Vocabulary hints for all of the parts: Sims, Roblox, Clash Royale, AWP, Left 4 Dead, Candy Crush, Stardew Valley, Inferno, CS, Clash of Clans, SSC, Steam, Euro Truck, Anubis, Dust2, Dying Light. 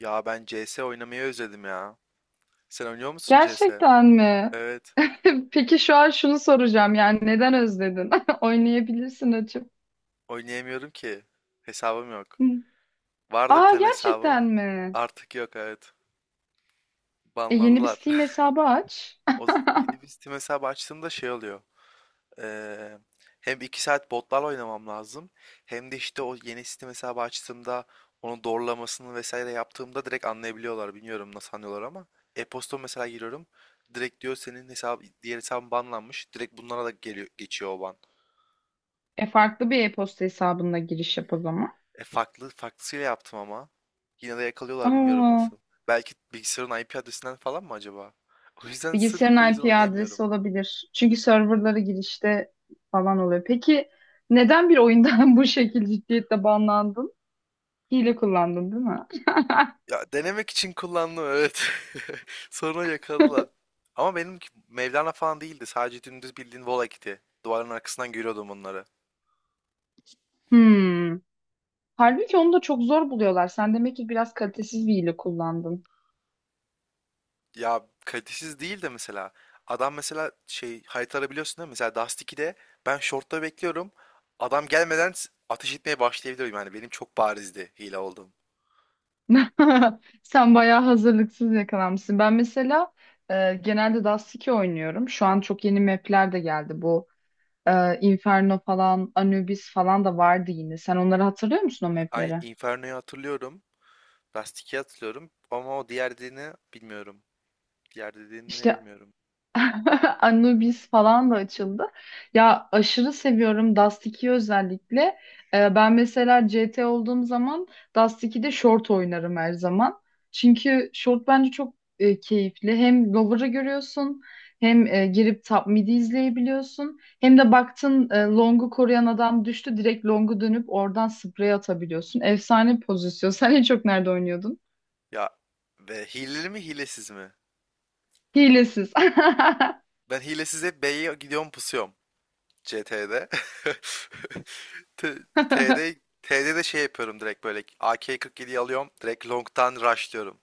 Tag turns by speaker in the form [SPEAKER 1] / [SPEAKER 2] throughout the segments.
[SPEAKER 1] Ya ben CS oynamayı özledim ya. Sen oynuyor musun CS?
[SPEAKER 2] Gerçekten mi?
[SPEAKER 1] Evet.
[SPEAKER 2] Peki şu an şunu soracağım, yani neden özledin? Oynayabilirsin açıp.
[SPEAKER 1] Oynayamıyorum ki. Hesabım yok.
[SPEAKER 2] Hı.
[SPEAKER 1] Vardı bir
[SPEAKER 2] Aa,
[SPEAKER 1] tane
[SPEAKER 2] gerçekten
[SPEAKER 1] hesabım.
[SPEAKER 2] mi?
[SPEAKER 1] Artık yok, evet.
[SPEAKER 2] Yeni bir
[SPEAKER 1] Banladılar.
[SPEAKER 2] Steam hesabı aç.
[SPEAKER 1] Yeni bir Steam hesabı açtığımda şey oluyor. Eee, hem 2 saat botlarla oynamam lazım. Hem de işte o yeni Steam hesabı açtığımda onu doğrulamasını vesaire yaptığımda direkt anlayabiliyorlar. Bilmiyorum nasıl anlıyorlar ama. E-posta mesela giriyorum. Direkt diyor senin hesap diğer hesabın banlanmış. Direkt bunlara da geliyor, geçiyor o ban.
[SPEAKER 2] Farklı bir e-posta hesabında giriş yap o zaman.
[SPEAKER 1] E farklı farklısıyla yaptım ama. Yine de yakalıyorlar, bilmiyorum
[SPEAKER 2] Aa,
[SPEAKER 1] nasıl. Belki bilgisayarın IP adresinden falan mı acaba? O yüzden, sırf o
[SPEAKER 2] bilgisayarın
[SPEAKER 1] yüzden
[SPEAKER 2] IP adresi
[SPEAKER 1] oynayamıyorum.
[SPEAKER 2] olabilir. Çünkü serverları girişte falan oluyor. Peki neden bir oyundan bu şekilde ciddiyetle banlandın? Hile kullandın, değil mi?
[SPEAKER 1] Ya, denemek için kullandım, evet. Sonra yakaladılar. Ama benimki Mevlana falan değildi. Sadece dümdüz bildiğin Volakit'i. Duvarın arkasından görüyordum onları.
[SPEAKER 2] Hmm. Halbuki onu da çok zor buluyorlar. Sen demek ki biraz kalitesiz bir hile kullandın.
[SPEAKER 1] Ya, kalitesiz değil de mesela. Adam mesela şey harita arabiliyorsun değil mi? Mesela Dust 2'de ben short'ta bekliyorum. Adam gelmeden ateş etmeye başlayabiliyorum. Yani benim çok barizdi hile olduğum.
[SPEAKER 2] Sen bayağı hazırlıksız yakalanmışsın. Ben mesela genelde Dust2 oynuyorum. Şu an çok yeni map'ler de geldi. Bu Inferno falan, Anubis falan da vardı yine. Sen onları hatırlıyor musun, o
[SPEAKER 1] Ay,
[SPEAKER 2] map'leri?
[SPEAKER 1] Inferno'yu hatırlıyorum. Rusty'yi hatırlıyorum. Ama o diğer dediğini bilmiyorum. Diğer dediğini ne
[SPEAKER 2] İşte
[SPEAKER 1] bilmiyorum.
[SPEAKER 2] Anubis falan da açıldı. Ya aşırı seviyorum Dust 2'yi, özellikle. Ben mesela CT olduğum zaman Dust 2'de short oynarım her zaman. Çünkü short bence çok keyifli. Hem lower'ı görüyorsun, hem girip top mid'i izleyebiliyorsun. Hem de baktın long'u koruyan adam düştü, direkt long'u dönüp oradan spray atabiliyorsun. Efsane pozisyon. Sen en çok nerede oynuyordun?
[SPEAKER 1] Ya, ve hileli mi hilesiz mi?
[SPEAKER 2] Hilesiz.
[SPEAKER 1] Ben hilesiz hep B'ye gidiyorum, pusuyorum. C T'de, T- T'de T'de de şey yapıyorum, direkt böyle AK-47'yi alıyorum. Direkt long'tan rushlıyorum.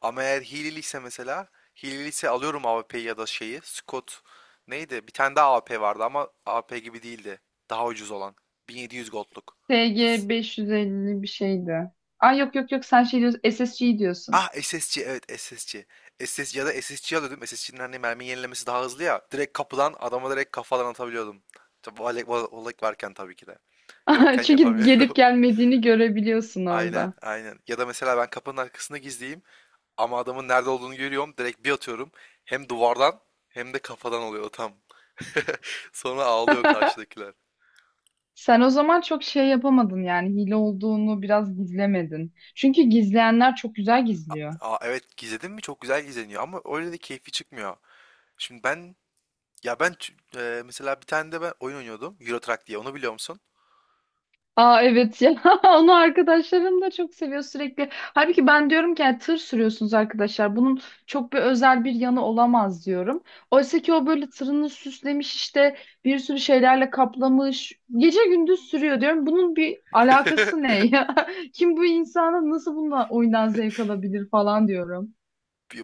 [SPEAKER 1] Ama eğer hileliyse mesela hileliyse alıyorum AWP'yi ya da şeyi. Scott neydi? Bir tane daha A W P vardı ama A W P gibi değildi. Daha ucuz olan. 1700 gold'luk.
[SPEAKER 2] TG 550 bir şeydi. Ay, yok yok yok, sen şey diyorsun, SSG diyorsun.
[SPEAKER 1] Ah, SSC, evet SSC. SSC ya da SSC alıyordum. SSC'nin hani mermi yenilemesi daha hızlı ya. Direkt kapıdan adama direkt kafadan atabiliyordum. Tabii olek varken tabii ki de. Yokken
[SPEAKER 2] Çünkü gelip
[SPEAKER 1] yapamıyorum.
[SPEAKER 2] gelmediğini görebiliyorsun
[SPEAKER 1] Aynen,
[SPEAKER 2] orada.
[SPEAKER 1] aynen. Ya da mesela ben kapının arkasında gizleyeyim ama adamın nerede olduğunu görüyorum. Direkt bir atıyorum. Hem duvardan hem de kafadan oluyor tam. Sonra ağlıyor karşıdakiler.
[SPEAKER 2] Sen o zaman çok şey yapamadın, yani hile olduğunu biraz gizlemedin. Çünkü gizleyenler çok güzel gizliyor.
[SPEAKER 1] Aa, evet, gizledin mi çok güzel gizleniyor ama öyle de keyfi çıkmıyor. Şimdi ben, ya ben ç- mesela bir tane de ben oyun oynuyordum. Euro Truck diye, onu biliyor musun?
[SPEAKER 2] Aa, evet ya, onu arkadaşlarım da çok seviyor sürekli. Halbuki ben diyorum ki yani tır sürüyorsunuz arkadaşlar. Bunun çok bir özel bir yanı olamaz diyorum. Oysa ki o böyle tırını süslemiş işte, bir sürü şeylerle kaplamış. Gece gündüz sürüyor, diyorum. Bunun bir alakası ne ya? Kim bu insana, nasıl bununla oyundan zevk alabilir falan diyorum.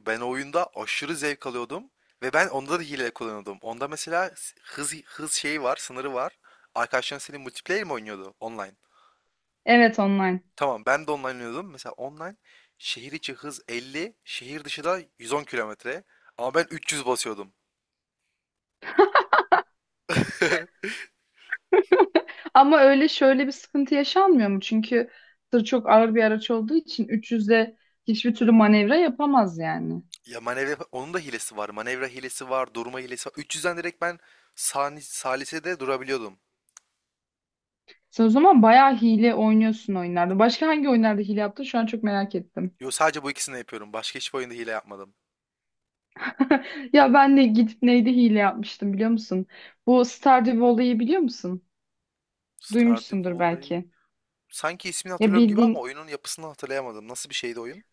[SPEAKER 1] Ben oyunda aşırı zevk alıyordum ve ben onda da hile kullanıyordum. Onda mesela hız şeyi var, sınırı var. Arkadaşların senin multiplayer mi oynuyordu online?
[SPEAKER 2] Evet, online.
[SPEAKER 1] Tamam, ben de online oynuyordum. Mesela online şehir içi hız 50, şehir dışı da 110 kilometre. Ama ben 300 basıyordum.
[SPEAKER 2] Ama öyle, şöyle bir sıkıntı yaşanmıyor mu? Çünkü tır çok ağır bir araç olduğu için 300'de hiçbir türlü manevra yapamaz yani.
[SPEAKER 1] Ya, manevra onun da hilesi var. Manevra hilesi var, durma hilesi var. 300'den direkt ben sani, salise de durabiliyordum.
[SPEAKER 2] Sen o zaman bayağı hile oynuyorsun oyunlarda. Başka hangi oyunlarda hile yaptın? Şu an çok merak ettim.
[SPEAKER 1] Yo, sadece bu ikisini yapıyorum. Başka hiçbir oyunda hile yapmadım.
[SPEAKER 2] Ya ben de gidip neydi hile yapmıştım, biliyor musun? Bu Stardew Valley'i biliyor musun?
[SPEAKER 1] Stardew
[SPEAKER 2] Duymuşsundur
[SPEAKER 1] Valley.
[SPEAKER 2] belki.
[SPEAKER 1] Sanki ismini
[SPEAKER 2] Ya
[SPEAKER 1] hatırlıyorum gibi ama
[SPEAKER 2] bildiğin,
[SPEAKER 1] oyunun yapısını hatırlayamadım. Nasıl bir şeydi oyun?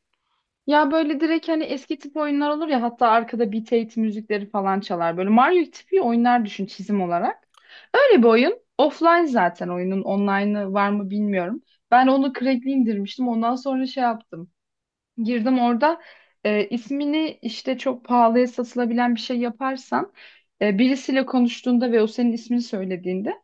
[SPEAKER 2] ya böyle direkt hani eski tip oyunlar olur ya, hatta arkada beat it müzikleri falan çalar. Böyle Mario tipi oyunlar düşün, çizim olarak. Öyle bir oyun. Offline, zaten oyunun online'ı var mı bilmiyorum. Ben onu crack'li indirmiştim. Ondan sonra şey yaptım, girdim orada. İsmini işte çok pahalıya satılabilen bir şey yaparsan, birisiyle konuştuğunda ve o senin ismini söylediğinde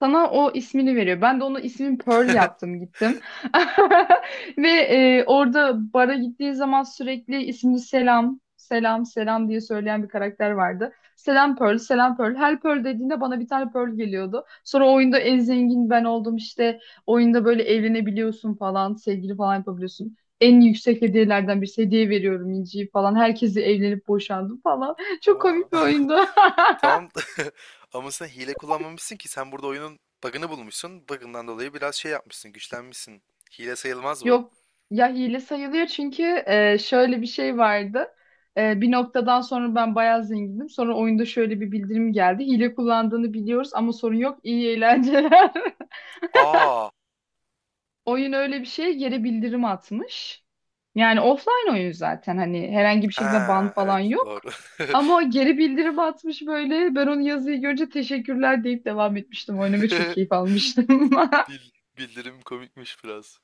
[SPEAKER 2] sana o ismini veriyor. Ben de onu ismin Pearl yaptım, gittim. Ve orada bara gittiği zaman sürekli ismini selam, selam, selam diye söyleyen bir karakter vardı. Selam Pearl, selam Pearl. Her Pearl dediğinde bana bir tane Pearl geliyordu. Sonra o oyunda en zengin ben oldum işte. Oyunda böyle evlenebiliyorsun falan, sevgili falan yapabiliyorsun. En yüksek hediyelerden bir hediye veriyorum İnci'yi falan. Herkesi evlenip boşandım falan. Çok
[SPEAKER 1] Oha.
[SPEAKER 2] komik bir oyundu.
[SPEAKER 1] Tamam. Ama sen hile kullanmamışsın ki. Sen burada oyunun bug'ını bulmuşsun. Bug'ından dolayı biraz şey yapmışsın. Güçlenmişsin. Hile sayılmaz bu.
[SPEAKER 2] Yok, ya hile sayılıyor çünkü şöyle bir şey vardı. Bir noktadan sonra ben bayağı zengindim. Sonra oyunda şöyle bir bildirim geldi. Hile kullandığını biliyoruz ama sorun yok. İyi eğlenceler.
[SPEAKER 1] Aa.
[SPEAKER 2] Oyun öyle bir şey yere bildirim atmış. Yani offline oyun, zaten hani herhangi bir şekilde ban
[SPEAKER 1] Ha,
[SPEAKER 2] falan
[SPEAKER 1] evet,
[SPEAKER 2] yok.
[SPEAKER 1] doğru.
[SPEAKER 2] Ama o geri bildirim atmış böyle. Ben onu yazıyı görünce teşekkürler deyip devam etmiştim. Oynamaya çok keyif almıştım.
[SPEAKER 1] Bil- bildirim komikmiş biraz.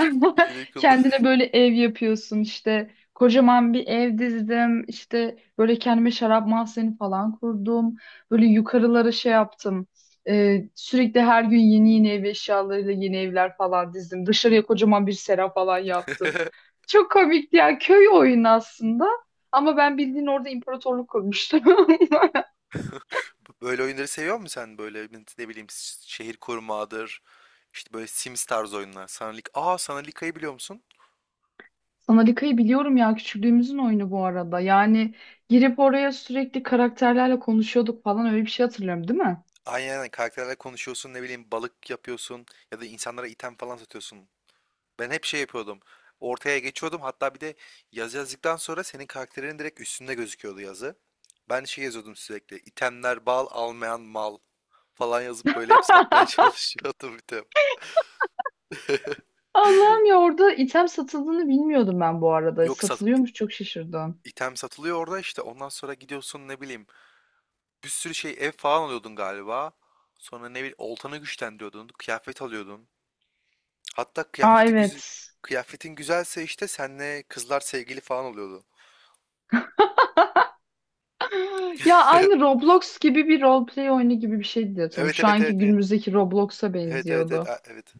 [SPEAKER 1] Hile kullan.
[SPEAKER 2] Kendine böyle ev yapıyorsun işte. Kocaman bir ev dizdim. İşte böyle kendime şarap mahzeni falan kurdum. Böyle yukarılara şey yaptım. Sürekli her gün yeni yeni ev eşyalarıyla yeni evler falan dizdim. Dışarıya kocaman bir sera falan yaptım. Çok komikti ya. Köy oyunu aslında. Ama ben bildiğin orada imparatorluk kurmuştum.
[SPEAKER 1] Böyle oyunları seviyor musun sen? Böyle, ne bileyim, şehir kurmadır. İşte böyle Sims tarzı oyunlar. Sanalik. Aa, Sanalika'yı biliyor musun?
[SPEAKER 2] Sanarika'yı biliyorum ya, küçüklüğümüzün oyunu bu arada. Yani girip oraya sürekli karakterlerle konuşuyorduk falan, öyle bir şey hatırlıyorum değil mi?
[SPEAKER 1] Aynen, aynen. Karakterlerle konuşuyorsun, ne bileyim balık yapıyorsun ya da insanlara item falan satıyorsun. Ben hep şey yapıyordum. Ortaya geçiyordum, hatta bir de yazı yazdıktan sonra senin karakterinin direkt üstünde gözüküyordu yazı. Ben şey yazıyordum sürekli, itemler bal almayan mal falan yazıp böyle hep satmaya çalışıyordum item.
[SPEAKER 2] Allah'ım, ya orada item satıldığını bilmiyordum ben bu arada.
[SPEAKER 1] Yok, sat...
[SPEAKER 2] Satılıyormuş, çok şaşırdım.
[SPEAKER 1] Item satılıyor orada işte, ondan sonra gidiyorsun ne bileyim bir sürü şey, ev falan alıyordun galiba. Sonra ne bileyim oltanı güçlendiriyordun, kıyafet alıyordun. Hatta
[SPEAKER 2] Aa,
[SPEAKER 1] kıyafeti güzel,
[SPEAKER 2] evet.
[SPEAKER 1] kıyafetin güzelse işte senle kızlar sevgili falan oluyordu.
[SPEAKER 2] Ya aynı Roblox gibi bir roleplay oyunu gibi bir şeydi diye hatırlıyorum.
[SPEAKER 1] Evet,
[SPEAKER 2] Şu
[SPEAKER 1] evet,
[SPEAKER 2] anki
[SPEAKER 1] evet, evet.
[SPEAKER 2] günümüzdeki Roblox'a
[SPEAKER 1] Evet, evet, evet,
[SPEAKER 2] benziyordu.
[SPEAKER 1] evet.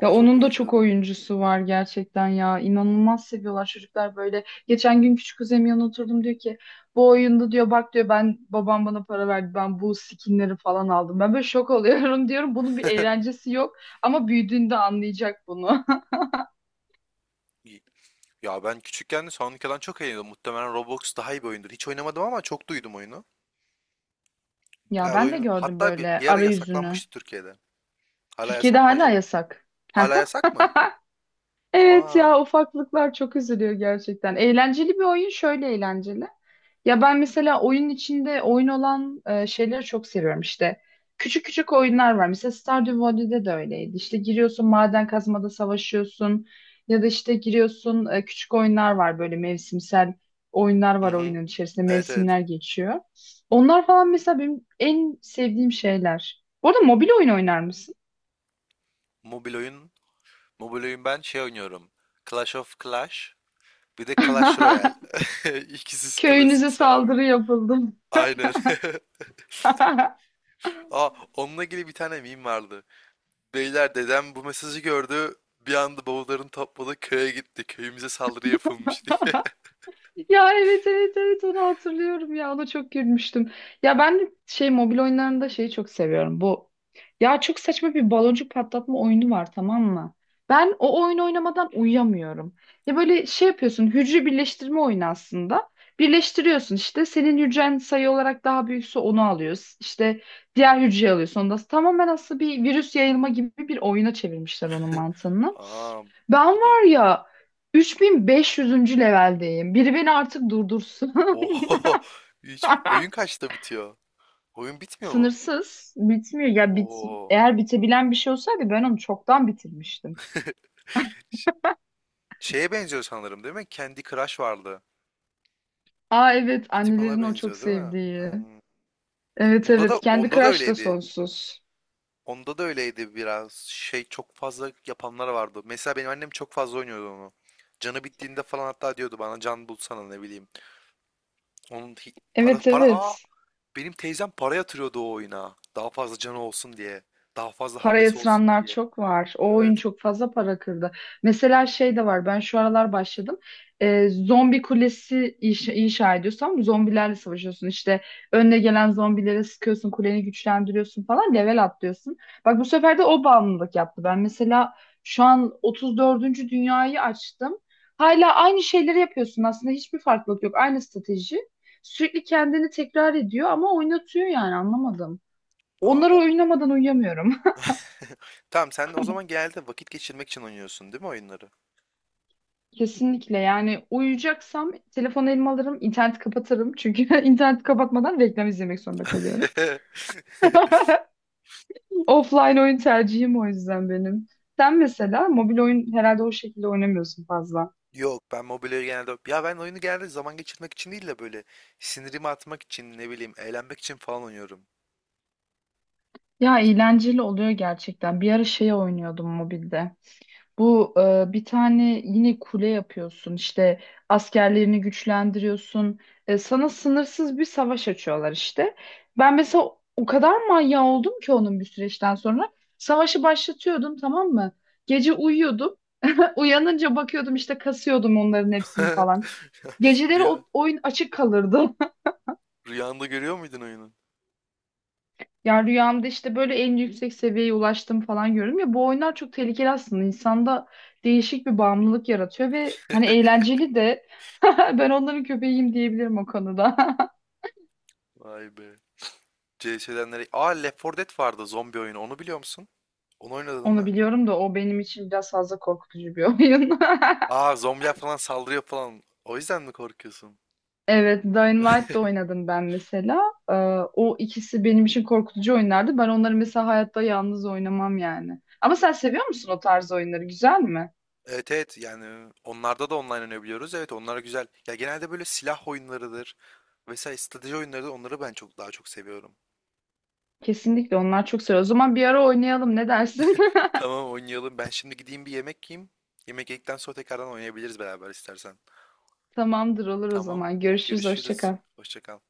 [SPEAKER 2] Ya
[SPEAKER 1] çok
[SPEAKER 2] onun da çok
[SPEAKER 1] benziyordu.
[SPEAKER 2] oyuncusu var gerçekten ya. İnanılmaz seviyorlar çocuklar böyle. Geçen gün küçük kuzenim yanına oturdum, diyor ki bu oyunda diyor bak diyor ben babam bana para verdi ben bu skinleri falan aldım. Ben böyle şok oluyorum, diyorum bunun bir eğlencesi yok ama büyüdüğünde anlayacak bunu.
[SPEAKER 1] İyi. Ya ben küçükken de Sonic'den çok eğleniyordum. Muhtemelen Roblox daha iyi bir oyundur. Hiç oynamadım ama çok duydum oyunu.
[SPEAKER 2] Ya
[SPEAKER 1] Bayağı da
[SPEAKER 2] ben de
[SPEAKER 1] oyunu.
[SPEAKER 2] gördüm
[SPEAKER 1] Hatta bir,
[SPEAKER 2] böyle
[SPEAKER 1] bir ara
[SPEAKER 2] arayüzünü.
[SPEAKER 1] yasaklanmıştı Türkiye'de. Hala
[SPEAKER 2] Türkiye'de
[SPEAKER 1] yasak mı
[SPEAKER 2] hala
[SPEAKER 1] acaba?
[SPEAKER 2] yasak.
[SPEAKER 1] Hala yasak mı?
[SPEAKER 2] Evet
[SPEAKER 1] Aa.
[SPEAKER 2] ya, ufaklıklar çok üzülüyor gerçekten. Eğlenceli bir oyun, şöyle eğlenceli. Ya ben mesela oyun içinde oyun olan şeyleri çok seviyorum işte. Küçük küçük oyunlar var. Mesela Stardew Valley'de de öyleydi. İşte giriyorsun maden kazmada savaşıyorsun ya da işte giriyorsun, küçük oyunlar var böyle, mevsimsel oyunlar
[SPEAKER 1] Hı
[SPEAKER 2] var,
[SPEAKER 1] hı.
[SPEAKER 2] oyunun içerisinde
[SPEAKER 1] Evet, evet.
[SPEAKER 2] mevsimler geçiyor. Onlar falan mesela benim en sevdiğim şeyler. Bu arada mobil oyun oynar mısın?
[SPEAKER 1] Mobil oyun. Mobil oyun, ben şey oynuyorum. Clash of Clash. Bir de Clash Royale. İkisi
[SPEAKER 2] Köyünüze
[SPEAKER 1] klasik abi.
[SPEAKER 2] saldırı yapıldı.
[SPEAKER 1] Aynen. Aa, onunla ilgili bir tane meme vardı. Beyler, dedem bu mesajı gördü. Bir anda bavullarını topladı, köye gitti. Köyümüze saldırı yapılmış diye.
[SPEAKER 2] Ya evet evet evet, onu hatırlıyorum ya, ona çok gülmüştüm. Ya ben de şey, mobil oyunlarında şeyi çok seviyorum bu. Ya çok saçma bir baloncuk patlatma oyunu var, tamam mı? Ben o oyunu oynamadan uyuyamıyorum. Ya böyle şey yapıyorsun, hücre birleştirme oyunu aslında. Birleştiriyorsun işte, senin hücren sayı olarak daha büyükse onu alıyorsun. İşte diğer hücreyi alıyorsun. Onda tamamen aslında bir virüs yayılma gibi bir oyuna çevirmişler onun mantığını.
[SPEAKER 1] Aa,
[SPEAKER 2] Ben
[SPEAKER 1] bunu bil.
[SPEAKER 2] var ya, 3500. leveldeyim. Biri beni artık durdursun.
[SPEAKER 1] Oho. Hiç... Oyun kaçta bitiyor? Oyun bitmiyor mu?
[SPEAKER 2] Sınırsız. Bitmiyor. Ya bit
[SPEAKER 1] Oo.
[SPEAKER 2] Eğer bitebilen bir şey olsaydı ben onu çoktan bitirmiştim.
[SPEAKER 1] Ş- Şeye benziyor sanırım değil mi? Candy Crush vardı.
[SPEAKER 2] Aa, evet,
[SPEAKER 1] Bir tık ona
[SPEAKER 2] annelerin o çok
[SPEAKER 1] benziyor değil mi?
[SPEAKER 2] sevdiği.
[SPEAKER 1] Hmm.
[SPEAKER 2] Evet
[SPEAKER 1] Onda da
[SPEAKER 2] evet, kendi
[SPEAKER 1] onda da
[SPEAKER 2] crush da
[SPEAKER 1] öyleydi.
[SPEAKER 2] sonsuz.
[SPEAKER 1] Onda da öyleydi biraz. Şey, çok fazla yapanlar vardı. Mesela benim annem çok fazla oynuyordu onu. Canı bittiğinde falan hatta diyordu bana can bulsana, ne bileyim. Onun para
[SPEAKER 2] Evet,
[SPEAKER 1] para
[SPEAKER 2] evet.
[SPEAKER 1] benim teyzem para yatırıyordu o oyuna. Daha fazla canı olsun diye. Daha fazla
[SPEAKER 2] Para
[SPEAKER 1] hamlesi olsun
[SPEAKER 2] yatıranlar
[SPEAKER 1] diye.
[SPEAKER 2] çok var. O
[SPEAKER 1] Evet.
[SPEAKER 2] oyun çok fazla para kırdı. Mesela şey de var. Ben şu aralar başladım. Zombi kulesi inşa ediyorsam, zombilerle savaşıyorsun. İşte önüne gelen zombilere sıkıyorsun, kuleni güçlendiriyorsun falan, level atlıyorsun. Bak, bu sefer de o bağımlılık yaptı. Ben mesela şu an 34. dünyayı açtım. Hala aynı şeyleri yapıyorsun. Aslında hiçbir farklılık yok. Aynı strateji. Sürekli kendini tekrar ediyor ama oynatıyor, yani anlamadım.
[SPEAKER 1] Aa,
[SPEAKER 2] Onları
[SPEAKER 1] o.
[SPEAKER 2] oynamadan uyuyamıyorum.
[SPEAKER 1] Tamam, sen o zaman genelde vakit geçirmek için oynuyorsun değil mi oyunları?
[SPEAKER 2] Kesinlikle, yani uyuyacaksam telefonu elime alırım, interneti kapatırım. Çünkü interneti kapatmadan reklam izlemek zorunda kalıyorum. Offline oyun tercihim o yüzden benim. Sen mesela mobil oyun herhalde o şekilde oynamıyorsun fazla.
[SPEAKER 1] Yok, ben mobilyayı genelde, ya, ben oyunu genelde zaman geçirmek için değil de böyle sinirimi atmak için, ne bileyim eğlenmek için falan oynuyorum.
[SPEAKER 2] Ya eğlenceli oluyor gerçekten. Bir ara şey oynuyordum mobilde. Bu bir tane yine kule yapıyorsun işte, askerlerini güçlendiriyorsun. Sana sınırsız bir savaş açıyorlar işte. Ben mesela o kadar manyağı oldum ki onun, bir süreçten sonra. Savaşı başlatıyordum, tamam mı? Gece uyuyordum. Uyanınca bakıyordum işte, kasıyordum onların hepsini falan. Geceleri
[SPEAKER 1] Rüya,
[SPEAKER 2] o oyun açık kalırdı.
[SPEAKER 1] rüyanda görüyor muydun oyunu?
[SPEAKER 2] Ya rüyamda işte böyle en yüksek seviyeye ulaştım falan görüyorum, ya bu oyunlar çok tehlikeli aslında, insanda değişik bir bağımlılık yaratıyor ve hani eğlenceli de, ben onların köpeğiyim diyebilirim o konuda.
[SPEAKER 1] Vay be. CS'den nereye? Aa, Left 4 Dead vardı, zombi oyunu. Onu biliyor musun? Onu oynadın
[SPEAKER 2] Onu
[SPEAKER 1] mı?
[SPEAKER 2] biliyorum da o benim için biraz fazla korkutucu bir oyun.
[SPEAKER 1] Aa, zombiler falan saldırıyor falan. O yüzden mi korkuyorsun?
[SPEAKER 2] Evet, Dying Light da oynadım ben mesela. Ee, O ikisi benim için korkutucu oyunlardı. Ben onları mesela hayatta yalnız oynamam yani. Ama sen seviyor musun o tarz oyunları? Güzel mi?
[SPEAKER 1] Evet, evet, yani onlarda da online oynayabiliyoruz. Evet, onlar güzel. Ya, genelde böyle silah oyunlarıdır. Vesaire strateji oyunlarıdır. Onları ben çok daha çok seviyorum.
[SPEAKER 2] Kesinlikle, onlar çok seviyor. O zaman bir ara oynayalım, ne dersin?
[SPEAKER 1] Tamam, oynayalım. Ben şimdi gideyim bir yemek yiyeyim. Yemek yedikten sonra tekrardan oynayabiliriz beraber istersen.
[SPEAKER 2] Tamamdır, olur o
[SPEAKER 1] Tamam.
[SPEAKER 2] zaman. Görüşürüz. Hoşça
[SPEAKER 1] Görüşürüz.
[SPEAKER 2] kal.
[SPEAKER 1] Hoşça kal.